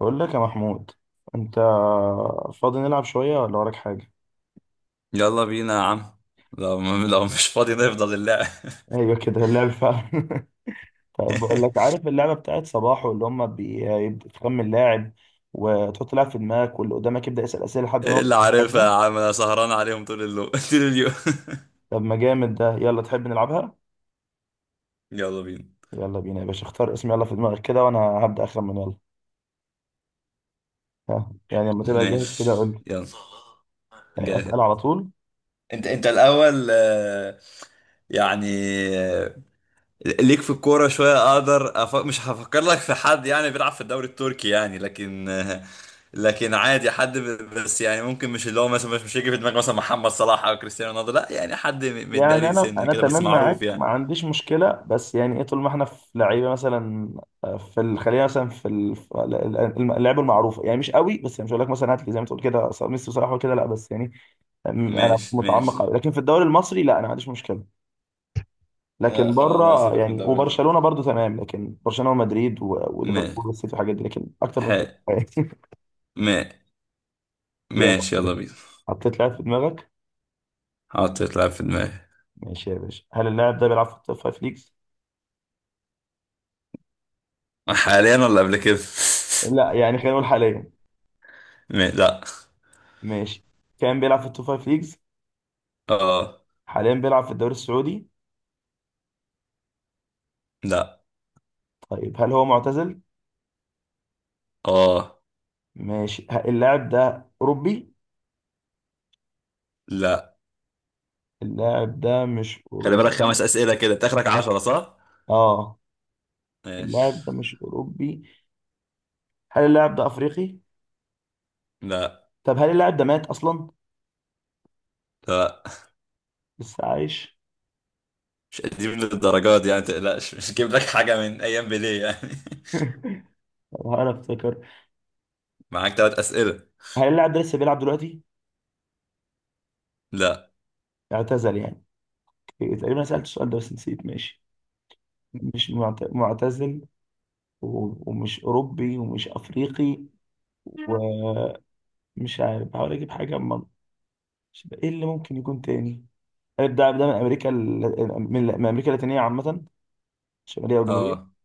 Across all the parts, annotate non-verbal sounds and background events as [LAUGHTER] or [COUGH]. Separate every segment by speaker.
Speaker 1: بقول لك يا محمود، انت فاضي نلعب شويه ولا وراك حاجه؟
Speaker 2: يلا بينا يا عم. لو لو مش فاضي نفضل اللعب.
Speaker 1: ايوه كده اللعب فعلا. [LAUGHS] طب بقول لك،
Speaker 2: [LAUGHS]
Speaker 1: عارف اللعبه بتاعت صباحو اللي هم بيبدا تخمن لاعب وتحط لاعب في دماغك واللي قدامك يبدا يسال اسئله لحد ما
Speaker 2: ايه
Speaker 1: يوصل
Speaker 2: اللي
Speaker 1: اللاعب
Speaker 2: عارفها
Speaker 1: ده؟
Speaker 2: يا عم، انا سهران عليهم طول [LAUGHS] طول اليوم.
Speaker 1: طب ما جامد ده، يلا تحب نلعبها؟
Speaker 2: [LAUGHS] يلا بينا.
Speaker 1: يلا بينا يا باشا، اختار اسم، يلا في دماغك كده وانا هبدا اخمن يلا. ها، يعني لما تبقى جاهز كده
Speaker 2: ماشي
Speaker 1: قول لي.
Speaker 2: يلا، جاهز.
Speaker 1: اسال على طول.
Speaker 2: انت الاول، يعني آه، ليك في الكوره شويه، اقدر مش هفكر لك في حد يعني بيلعب في الدوري التركي يعني، لكن لكن عادي حد بس يعني ممكن مش اللي هو مثلا، مش هيجي في دماغك مثلا محمد صلاح او كريستيانو رونالدو، لا يعني حد
Speaker 1: يعني
Speaker 2: متداري
Speaker 1: انا
Speaker 2: سنه
Speaker 1: انا
Speaker 2: كده بس
Speaker 1: تمام
Speaker 2: معروف
Speaker 1: معاك،
Speaker 2: يعني.
Speaker 1: ما عنديش مشكله، بس يعني ايه طول ما احنا في لعيبه؟ مثلا في خلينا مثلا في اللعيبه المعروفه، يعني مش قوي، بس يعني مش هقول لك مثلا هات لي زي ما تقول كده ميسي وصلاح وكده، لا، بس يعني انا
Speaker 2: ماشي
Speaker 1: مش
Speaker 2: ماشي.
Speaker 1: متعمق قوي لكن في الدوري المصري لا انا ما عنديش مشكله.
Speaker 2: آه
Speaker 1: لكن
Speaker 2: خلاص، لا
Speaker 1: بره
Speaker 2: سيبك من
Speaker 1: يعني،
Speaker 2: الدوري.
Speaker 1: وبرشلونه برضو تمام، لكن برشلونه ومدريد
Speaker 2: ماشي.
Speaker 1: وليفربول والسيتي والحاجات دي، لكن اكتر
Speaker 2: ح
Speaker 1: من كده. [LAUGHS]
Speaker 2: ما
Speaker 1: يلا،
Speaker 2: ماشي يلا بينا.
Speaker 1: حطيت لاعب في دماغك؟
Speaker 2: حطيت لعب في دماغي.
Speaker 1: ماشي يا باشا، هل اللاعب ده بيلعب في التوب فايف ليجز؟
Speaker 2: حاليا ولا قبل كده؟
Speaker 1: لا يعني خلينا نقول حاليا.
Speaker 2: [LAUGHS] ما... لا.
Speaker 1: ماشي، كان بيلعب في التوب فايف ليجز؟
Speaker 2: اه.
Speaker 1: حاليا بيلعب في الدوري السعودي؟
Speaker 2: لا.
Speaker 1: طيب، هل هو معتزل؟
Speaker 2: اه.
Speaker 1: ماشي، اللاعب ده اوروبي؟
Speaker 2: لا.
Speaker 1: اللاعب ده مش
Speaker 2: خلي بالك، خمس
Speaker 1: اوروبي؟
Speaker 2: أسئلة كده تاخرك 10، صح؟
Speaker 1: اه.
Speaker 2: ماشي.
Speaker 1: اللاعب ده مش اوروبي. هل اللاعب ده افريقي؟
Speaker 2: لا.
Speaker 1: طب هل اللاعب ده مات اصلا؟
Speaker 2: لا،
Speaker 1: لسه عايش؟
Speaker 2: مش قديم للدرجات دي يعني، تقلقش مش جيب لك حاجة من أيام بيليه يعني. [LAUGHS]
Speaker 1: [LAUGHS] طب انا افتكر،
Speaker 2: معاك 3 أسئلة.
Speaker 1: هل اللاعب ده لسه بيلعب دلوقتي؟
Speaker 2: لا.
Speaker 1: اعتزل يعني. تقريبا أنا سألت السؤال ده بس نسيت. ماشي، مش معتزل، ومش اوروبي ومش افريقي ومش، عارف، بحاول اجيب حاجه ايه اللي ممكن يكون تاني؟ اللاعب ده من امريكا من امريكا اللاتينيه عامه، شماليه
Speaker 2: اه.
Speaker 1: وجنوبيه.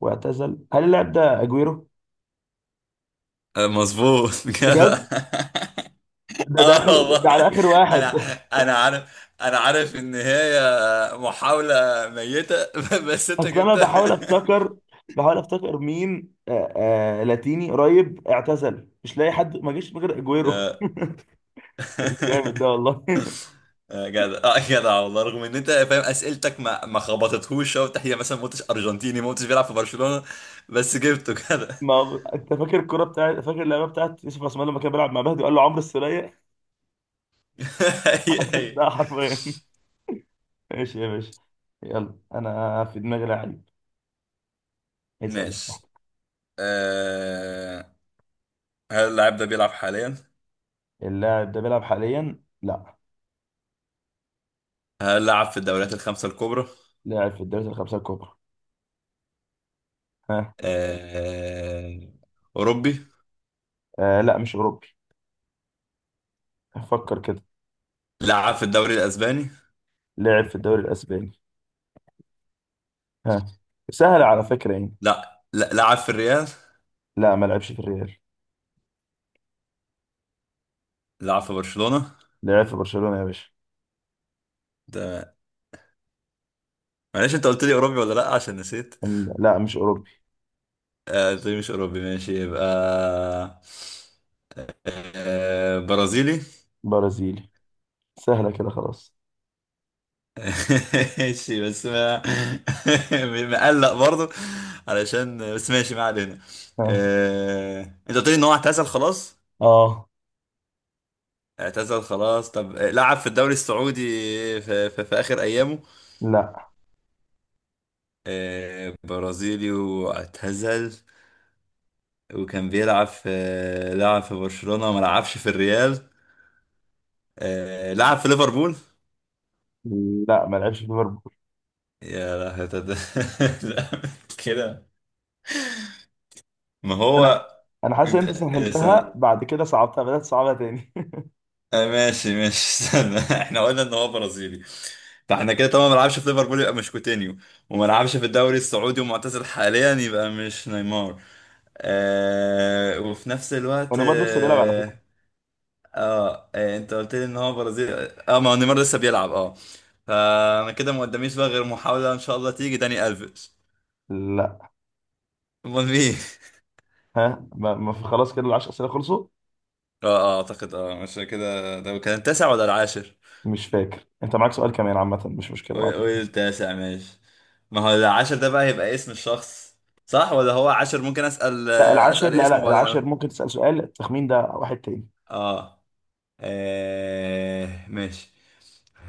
Speaker 1: واعتزل. هل اللاعب ده اجويرو؟
Speaker 2: مظبوط [LAUGHS] كده.
Speaker 1: بجد؟
Speaker 2: [LAUGHS]
Speaker 1: ده ده
Speaker 2: اه
Speaker 1: آخر- ده على
Speaker 2: والله.
Speaker 1: اخر واحد.
Speaker 2: انا،
Speaker 1: [LAUGHS]
Speaker 2: انا عارف ان هي محاولة ميتة [LAUGHS] بس انت
Speaker 1: اصل انا
Speaker 2: جبتها.
Speaker 1: بحاول افتكر، بحاول افتكر مين، آه لاتيني قريب اعتزل، مش لاقي حد ما جيش غير اجويرو.
Speaker 2: آه.
Speaker 1: [LAUGHS] جامد
Speaker 2: [LAUGHS]
Speaker 1: ده والله. [LAUGHS]
Speaker 2: آه، جدع، اه جدع والله، رغم ان انت فاهم اسئلتك ما خبطتهوش شوط، هي مثلا ما قلتش ارجنتيني، ما قلتش بيلعب في برشلونة، بس جبته جدع.
Speaker 1: ما هو- انت فاكر الكوره بتاعت، فاكر اللعبه بتاعت يوسف عثمان لما كان بيلعب مع مهدي وقال له عمرو السوليه؟
Speaker 2: [LAUGHS]
Speaker 1: [LAUGHS]
Speaker 2: هي
Speaker 1: عمرو
Speaker 2: هي.
Speaker 1: السولية حرفيا. ماشي يا باشا، يلا انا في دماغي لعيب، اسال.
Speaker 2: ماشي. آه. هل اللاعب ده بيلعب حاليا؟
Speaker 1: اللاعب ده بيلعب حاليا؟ لا.
Speaker 2: هل لعب في الدوريات الخمسة الكبرى؟
Speaker 1: لاعب في الدوري الخمسة الكبرى. ها.
Speaker 2: آه. أوروبي؟
Speaker 1: آه لا مش أوروبي. فكر كده.
Speaker 2: لعب في الدوري الأسباني؟
Speaker 1: لعب في الدوري الأسباني. ها. سهل على فكرة يعني.
Speaker 2: لا لا، لعب في الريال.
Speaker 1: لا ما لعبش في الريال.
Speaker 2: لعب في برشلونة.
Speaker 1: لعب في برشلونة يا باشا.
Speaker 2: ده، معلش انت قلت لي اوروبي ولا لا، عشان نسيت.
Speaker 1: لا مش أوروبي.
Speaker 2: آه، قلت لي مش اوروبي، ماشي، يبقى آه، برازيلي.
Speaker 1: برازيلي. سهلة كده خلاص.
Speaker 2: [LAUGHS] ماشي بس ما، [LAUGHS] مقلق برضه، علشان بس ماشي، ما علينا.
Speaker 1: ها.
Speaker 2: آه، انت قلت لي ان هو اعتزل خلاص.
Speaker 1: آه
Speaker 2: اعتزل خلاص، طب آه، لعب في الدوري السعودي في اخر ايامه؟
Speaker 1: لا.
Speaker 2: آه، برازيلي واعتزل، وكان بيلعب في، لعب في برشلونة، ما لعبش في الريال، آه، لعب في ليفربول.
Speaker 1: لا ما لعبش في ليفربول.
Speaker 2: يا لهوي، [LAUGHS] لا كده، ما
Speaker 1: أنا
Speaker 2: هو،
Speaker 1: أنا حاسس إن أنت
Speaker 2: استنى.
Speaker 1: سهلتها، بعد كده صعبتها، بدأت تصعبها تاني. [LAUGHS]
Speaker 2: آه، ماشي ماشي استنى، [LAUGHS] احنا قلنا ان هو برازيلي، فاحنا كده طبعا ما لعبش في ليفربول، يبقى مش كوتينيو، وما لعبش في الدوري السعودي ومعتزل حاليا، يبقى مش نيمار. آه، وفي نفس الوقت
Speaker 1: ونيمار لسه بيلعب على فكرة.
Speaker 2: آه. اه إيه، انت قلت لي ان هو برازيل. اه، ما هو نيمار لسه بيلعب اه. فانا كده ما قداميش بقى غير محاولة ان شاء الله تيجي داني الفيش.
Speaker 1: لا.
Speaker 2: امال مين؟
Speaker 1: ها، ما في، خلاص كده العشر أسئلة خلصوا.
Speaker 2: [LAUGHS] اه اه اعتقد اه مش كده، ده كان التاسع ولا العاشر؟
Speaker 1: مش فاكر انت معاك سؤال كمان، عامة مش مشكلة
Speaker 2: قول
Speaker 1: معاك.
Speaker 2: قول التاسع، ماشي. ما هو العاشر ده بقى هيبقى اسم الشخص، صح؟ ولا هو عاشر ممكن اسأل
Speaker 1: لا
Speaker 2: آه،
Speaker 1: العاشر،
Speaker 2: اسأل
Speaker 1: لا
Speaker 2: اسمه
Speaker 1: لا
Speaker 2: بعدين اقول.
Speaker 1: العاشر ممكن تسأل سؤال التخمين ده واحد تاني.
Speaker 2: اه. آه، ماشي.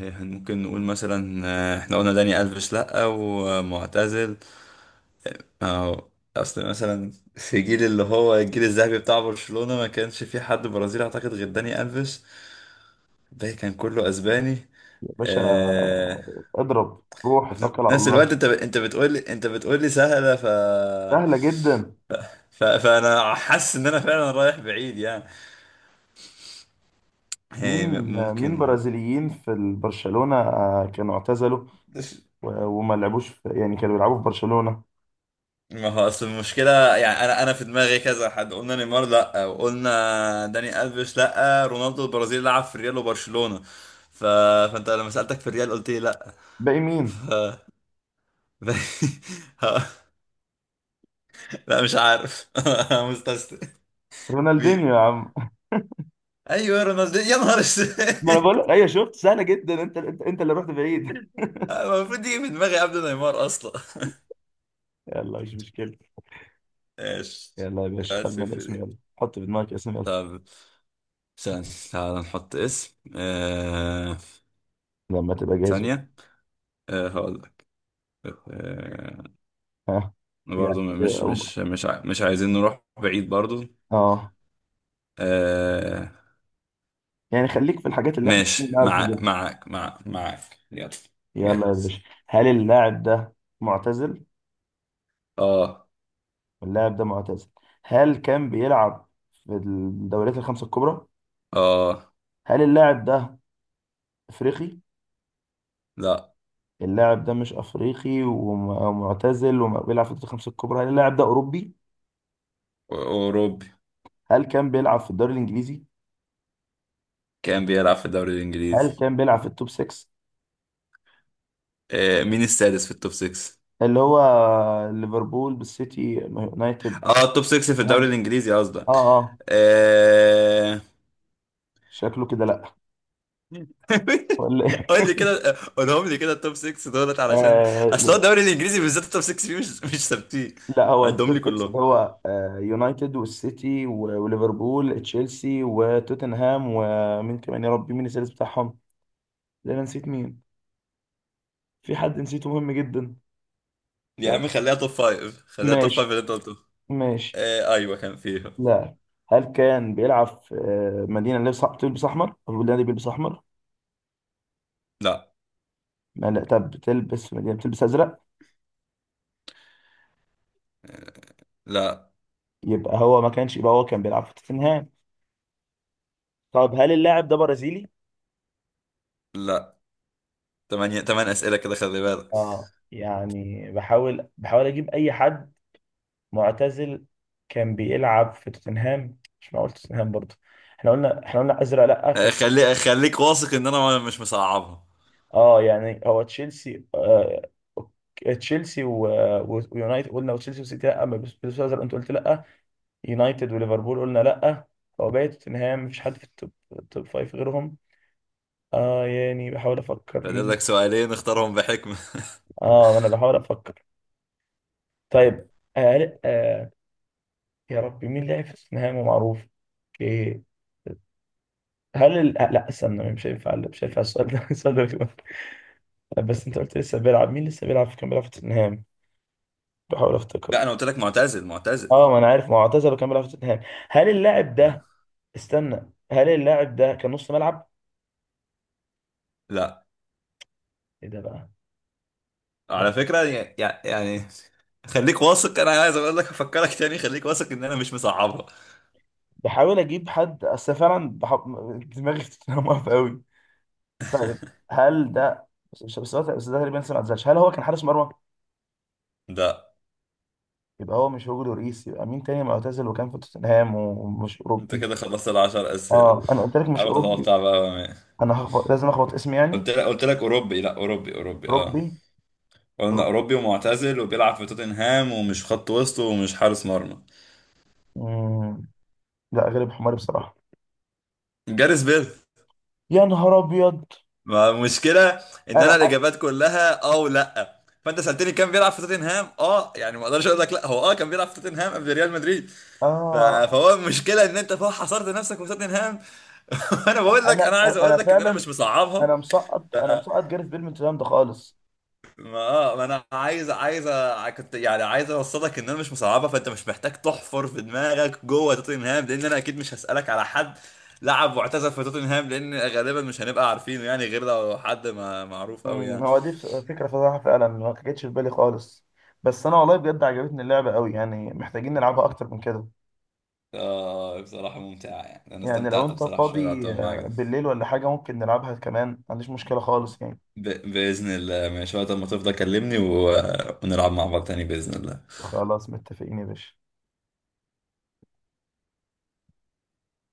Speaker 2: ممكن نقول مثلا آه، احنا قلنا داني الفيش لا ومعتزل. اه. اصل مثلا في جيل اللي هو الجيل الذهبي بتاع برشلونة ما كانش في حد برازيلي اعتقد غير داني الفيش، باقي كان كله اسباني.
Speaker 1: يا باشا
Speaker 2: آه.
Speaker 1: اضرب، روح
Speaker 2: وفي
Speaker 1: توكل على
Speaker 2: نفس الوقت
Speaker 1: الله.
Speaker 2: انت بتقول لي، بتقول لي سهلة،
Speaker 1: سهلة جدا.
Speaker 2: ف فانا حاسس ان انا فعلا رايح بعيد يعني.
Speaker 1: مين؟
Speaker 2: هي
Speaker 1: مين
Speaker 2: ممكن.
Speaker 1: برازيليين في برشلونة كانوا اعتزلوا وما لعبوش في، يعني كانوا بيلعبوا في برشلونة؟
Speaker 2: ما هو اصل المشكلة، يعني انا في دماغي كذا حد، قلنا نيمار لا، وقلنا داني الفيش لا، رونالدو البرازيلي لعب في ريال وبرشلونة، ف... فانت لما سألتك في الريال قلت لي لا.
Speaker 1: باقي
Speaker 2: ف...
Speaker 1: مين؟
Speaker 2: [LAUGHS] ها- لا مش عارف، [LAUGHS] مستسلم.
Speaker 1: رونالدينيو
Speaker 2: مين؟
Speaker 1: يا عم.
Speaker 2: ايوه رونالدو، يا نهار اسود.
Speaker 1: [LAUGHS] ما انا بقول لك،
Speaker 2: [LAUGHS]
Speaker 1: ايوه شفت سهلة جدا، انت اللي رحت بعيد. [LAUGHS]
Speaker 2: المفروض يجي من دماغي قبل نيمار اصلا. [LAUGHS]
Speaker 1: يلا مش مشكلة.
Speaker 2: ايش؟
Speaker 1: يلا يا باشا،
Speaker 2: واحد
Speaker 1: خمن
Speaker 2: صفر
Speaker 1: اسم،
Speaker 2: دي.
Speaker 1: يلا حط في دماغك اسم يلا.
Speaker 2: طب، ثانية تعال نحط اسم آه...
Speaker 1: لما تبقى جاهز.
Speaker 2: ثانية. آه هقول لك. آه...
Speaker 1: ها، يعني
Speaker 2: برضو مش مش عايزين نروح بعيد برضو.
Speaker 1: اه،
Speaker 2: آه...
Speaker 1: يعني خليك في الحاجات اللي احنا
Speaker 2: ماشي
Speaker 1: بنعرف نجيبها.
Speaker 2: معاك معاك يلا.
Speaker 1: يلا يا
Speaker 2: جاهز.
Speaker 1: باشا. هل اللاعب ده معتزل؟
Speaker 2: اه.
Speaker 1: اللاعب ده معتزل. هل كان بيلعب في الدوريات الخمسة الكبرى؟
Speaker 2: اه.
Speaker 1: هل اللاعب ده افريقي؟
Speaker 2: لا.
Speaker 1: اللاعب ده مش افريقي ومعتزل وبيلعب في الدوريات الخمسة الكبرى، هل اللاعب ده اوروبي؟
Speaker 2: أوروبي.
Speaker 1: هل كان بيلعب في الدوري الانجليزي؟
Speaker 2: كان بيلعب في الدوري
Speaker 1: هل
Speaker 2: الإنجليزي.
Speaker 1: كان بيلعب في التوب 6
Speaker 2: آه، مين السادس في التوب 6؟
Speaker 1: اللي هو ليفربول بالسيتي يونايتد؟
Speaker 2: اه، التوب 6 في الدوري
Speaker 1: اه.
Speaker 2: الإنجليزي قصدك؟
Speaker 1: اه.
Speaker 2: آه...
Speaker 1: شكله كده لا. ولا
Speaker 2: [LAUGHS] قول
Speaker 1: إيه؟
Speaker 2: لي كده، قولهم لي كده التوب 6 دولت علشان، اصل هو
Speaker 1: [LAUGHS]
Speaker 2: الدوري الانجليزي بالذات التوب 6 فيه مش ثابتين.
Speaker 1: لا، هو
Speaker 2: عدهم
Speaker 1: التوب
Speaker 2: لي
Speaker 1: 6
Speaker 2: كلهم.
Speaker 1: اللي هو يونايتد والسيتي وليفربول تشيلسي وتوتنهام ومين كمان؟ يا ربي مين السادس بتاعهم؟ لا انا نسيت مين، في حد نسيته مهم جدا.
Speaker 2: يا عم خليها توب 5، خليها توب 5
Speaker 1: ماشي
Speaker 2: اللي انت قلته.
Speaker 1: ماشي.
Speaker 2: آه ايوه كان فيها.
Speaker 1: لا. هل كان بيلعب في مدينة اللي بتلبس أحمر؟ أو النادي بيلبس أحمر؟
Speaker 2: لا.
Speaker 1: ما لا، طب بتلبس مدينة بتلبس أزرق؟
Speaker 2: لا.
Speaker 1: يبقى هو ما كانش، يبقى هو كان بيلعب في توتنهام. طب هل اللاعب ده برازيلي؟
Speaker 2: لا. تمانية، تمن اسئله كده خلي بالك.
Speaker 1: اه يعني بحاول أجيب أي حد. معتزل، كان بيلعب في توتنهام. مش معقول توتنهام برضه. احنا قلنا ازرق لا، ف...
Speaker 2: آه، خلي خليك واثق ان انا مش مصعبها.
Speaker 1: اه يعني هو تشيلسي، تشيلسي و... و... ويونايتد قلنا، وتشيلسي وسيتي لا ما بيلبسوا ازرق، انت قلت لا. يونايتد وليفربول قلنا لا. هو باقي توتنهام، مفيش حد في التوب، التوب فايف غيرهم. اه يعني بحاول افكر
Speaker 2: فاضل لك
Speaker 1: مين.
Speaker 2: سؤالين، اختارهم بحكمة. [LAUGHS]
Speaker 1: اه انا بحاول افكر. طيب آه... آه... يا ربي مين لعب في توتنهام ومعروف؟ اوكي، هل لا استنى مش هينفع، لا مش هينفع السؤال ده، [LAUGHS] بس انت قلت لسه بيلعب، مين لسه بيلعب في، كان بيلعب في توتنهام. بحاول افتكر.
Speaker 2: لا انا قلت لك معتزل معتزل.
Speaker 1: اه ما انا عارف، ما هو اعتزل كان بيلعب في توتنهام. هل اللاعب
Speaker 2: لا.
Speaker 1: ده، استنى، هل اللاعب ده كان نص ملعب؟
Speaker 2: لا،
Speaker 1: ايه ده بقى؟ لا.
Speaker 2: على فكرة يعني، يعني خليك واثق، انا عايز اقول لك افكرك تاني، خليك واثق ان انا مش مصعبها.
Speaker 1: بحاول اجيب حد، اصل فعلا دماغي [LAUGHS] في توتنهام واقفه قوي. طيب هل ده، بس ده تقريبا لسه ما اعتزلش، هل هو كان حارس مرمى؟
Speaker 2: لا.
Speaker 1: يبقى هو مش هوجو لوريس، يبقى مين تاني معتزل وكان في توتنهام ومش
Speaker 2: انت
Speaker 1: اوروبي؟
Speaker 2: كده خلصت الـ10 اسئلة،
Speaker 1: اه انا قلت لك مش
Speaker 2: حاول
Speaker 1: اوروبي.
Speaker 2: تتوقع بقى
Speaker 1: انا هخبط، لازم اخبط اسمي يعني.
Speaker 2: قلت لك اوروبي، لا اوروبي اوروبي اه.
Speaker 1: ربي.
Speaker 2: قلنا
Speaker 1: رب.
Speaker 2: اوروبي ومعتزل وبيلعب في توتنهام ومش خط وسط ومش حارس مرمى.
Speaker 1: مم. لا غالب حماري بصراحه.
Speaker 2: جاريس بيل.
Speaker 1: يا نهار ابيض.
Speaker 2: ما المشكلة ان
Speaker 1: انا،
Speaker 2: انا الاجابات كلها اه ولا آه. فانت سألتني كان بيلعب في توتنهام، اه يعني ما اقدرش اقول لك لا، هو اه كان بيلعب في توتنهام قبل ريال مدريد.
Speaker 1: اه،
Speaker 2: فهو المشكلة ان انت فوق حصرت نفسك في توتنهام، [LAUGHS] وانا بقول لك
Speaker 1: انا
Speaker 2: انا عايز اقول
Speaker 1: انا
Speaker 2: لك ان انا مش
Speaker 1: فعلا،
Speaker 2: مصعبها.
Speaker 1: انا مسقط، انا مسقط جاريث بيل من الكلام ده خالص.
Speaker 2: ما انا عايز كنت يعني عايز اوصلك ان انا مش مصعبها، فانت مش محتاج تحفر في دماغك جوه توتنهام، لان انا اكيد مش هسألك على حد لعب واعتزل في توتنهام، لان غالبا مش هنبقى عارفينه يعني، غير لو حد ما معروف قوي يعني.
Speaker 1: هو دي فكره فظيعه فعلا، ما جتش في بالي خالص. بس انا والله بجد عجبتني اللعبه قوي، يعني محتاجين نلعبها اكتر من كده.
Speaker 2: آه بصراحة ممتعة يعني، أنا
Speaker 1: يعني لو
Speaker 2: استمتعت
Speaker 1: انت
Speaker 2: بصراحة شوية
Speaker 1: فاضي
Speaker 2: العطاء معاك ده.
Speaker 1: بالليل ولا حاجه ممكن نلعبها كمان، ما عنديش مشكله خالص يعني.
Speaker 2: ب... بإذن الله ماشي، وقت ما تفضى كلمني ونلعب مع بعض تاني بإذن الله.
Speaker 1: خلاص متفقين يا باشا.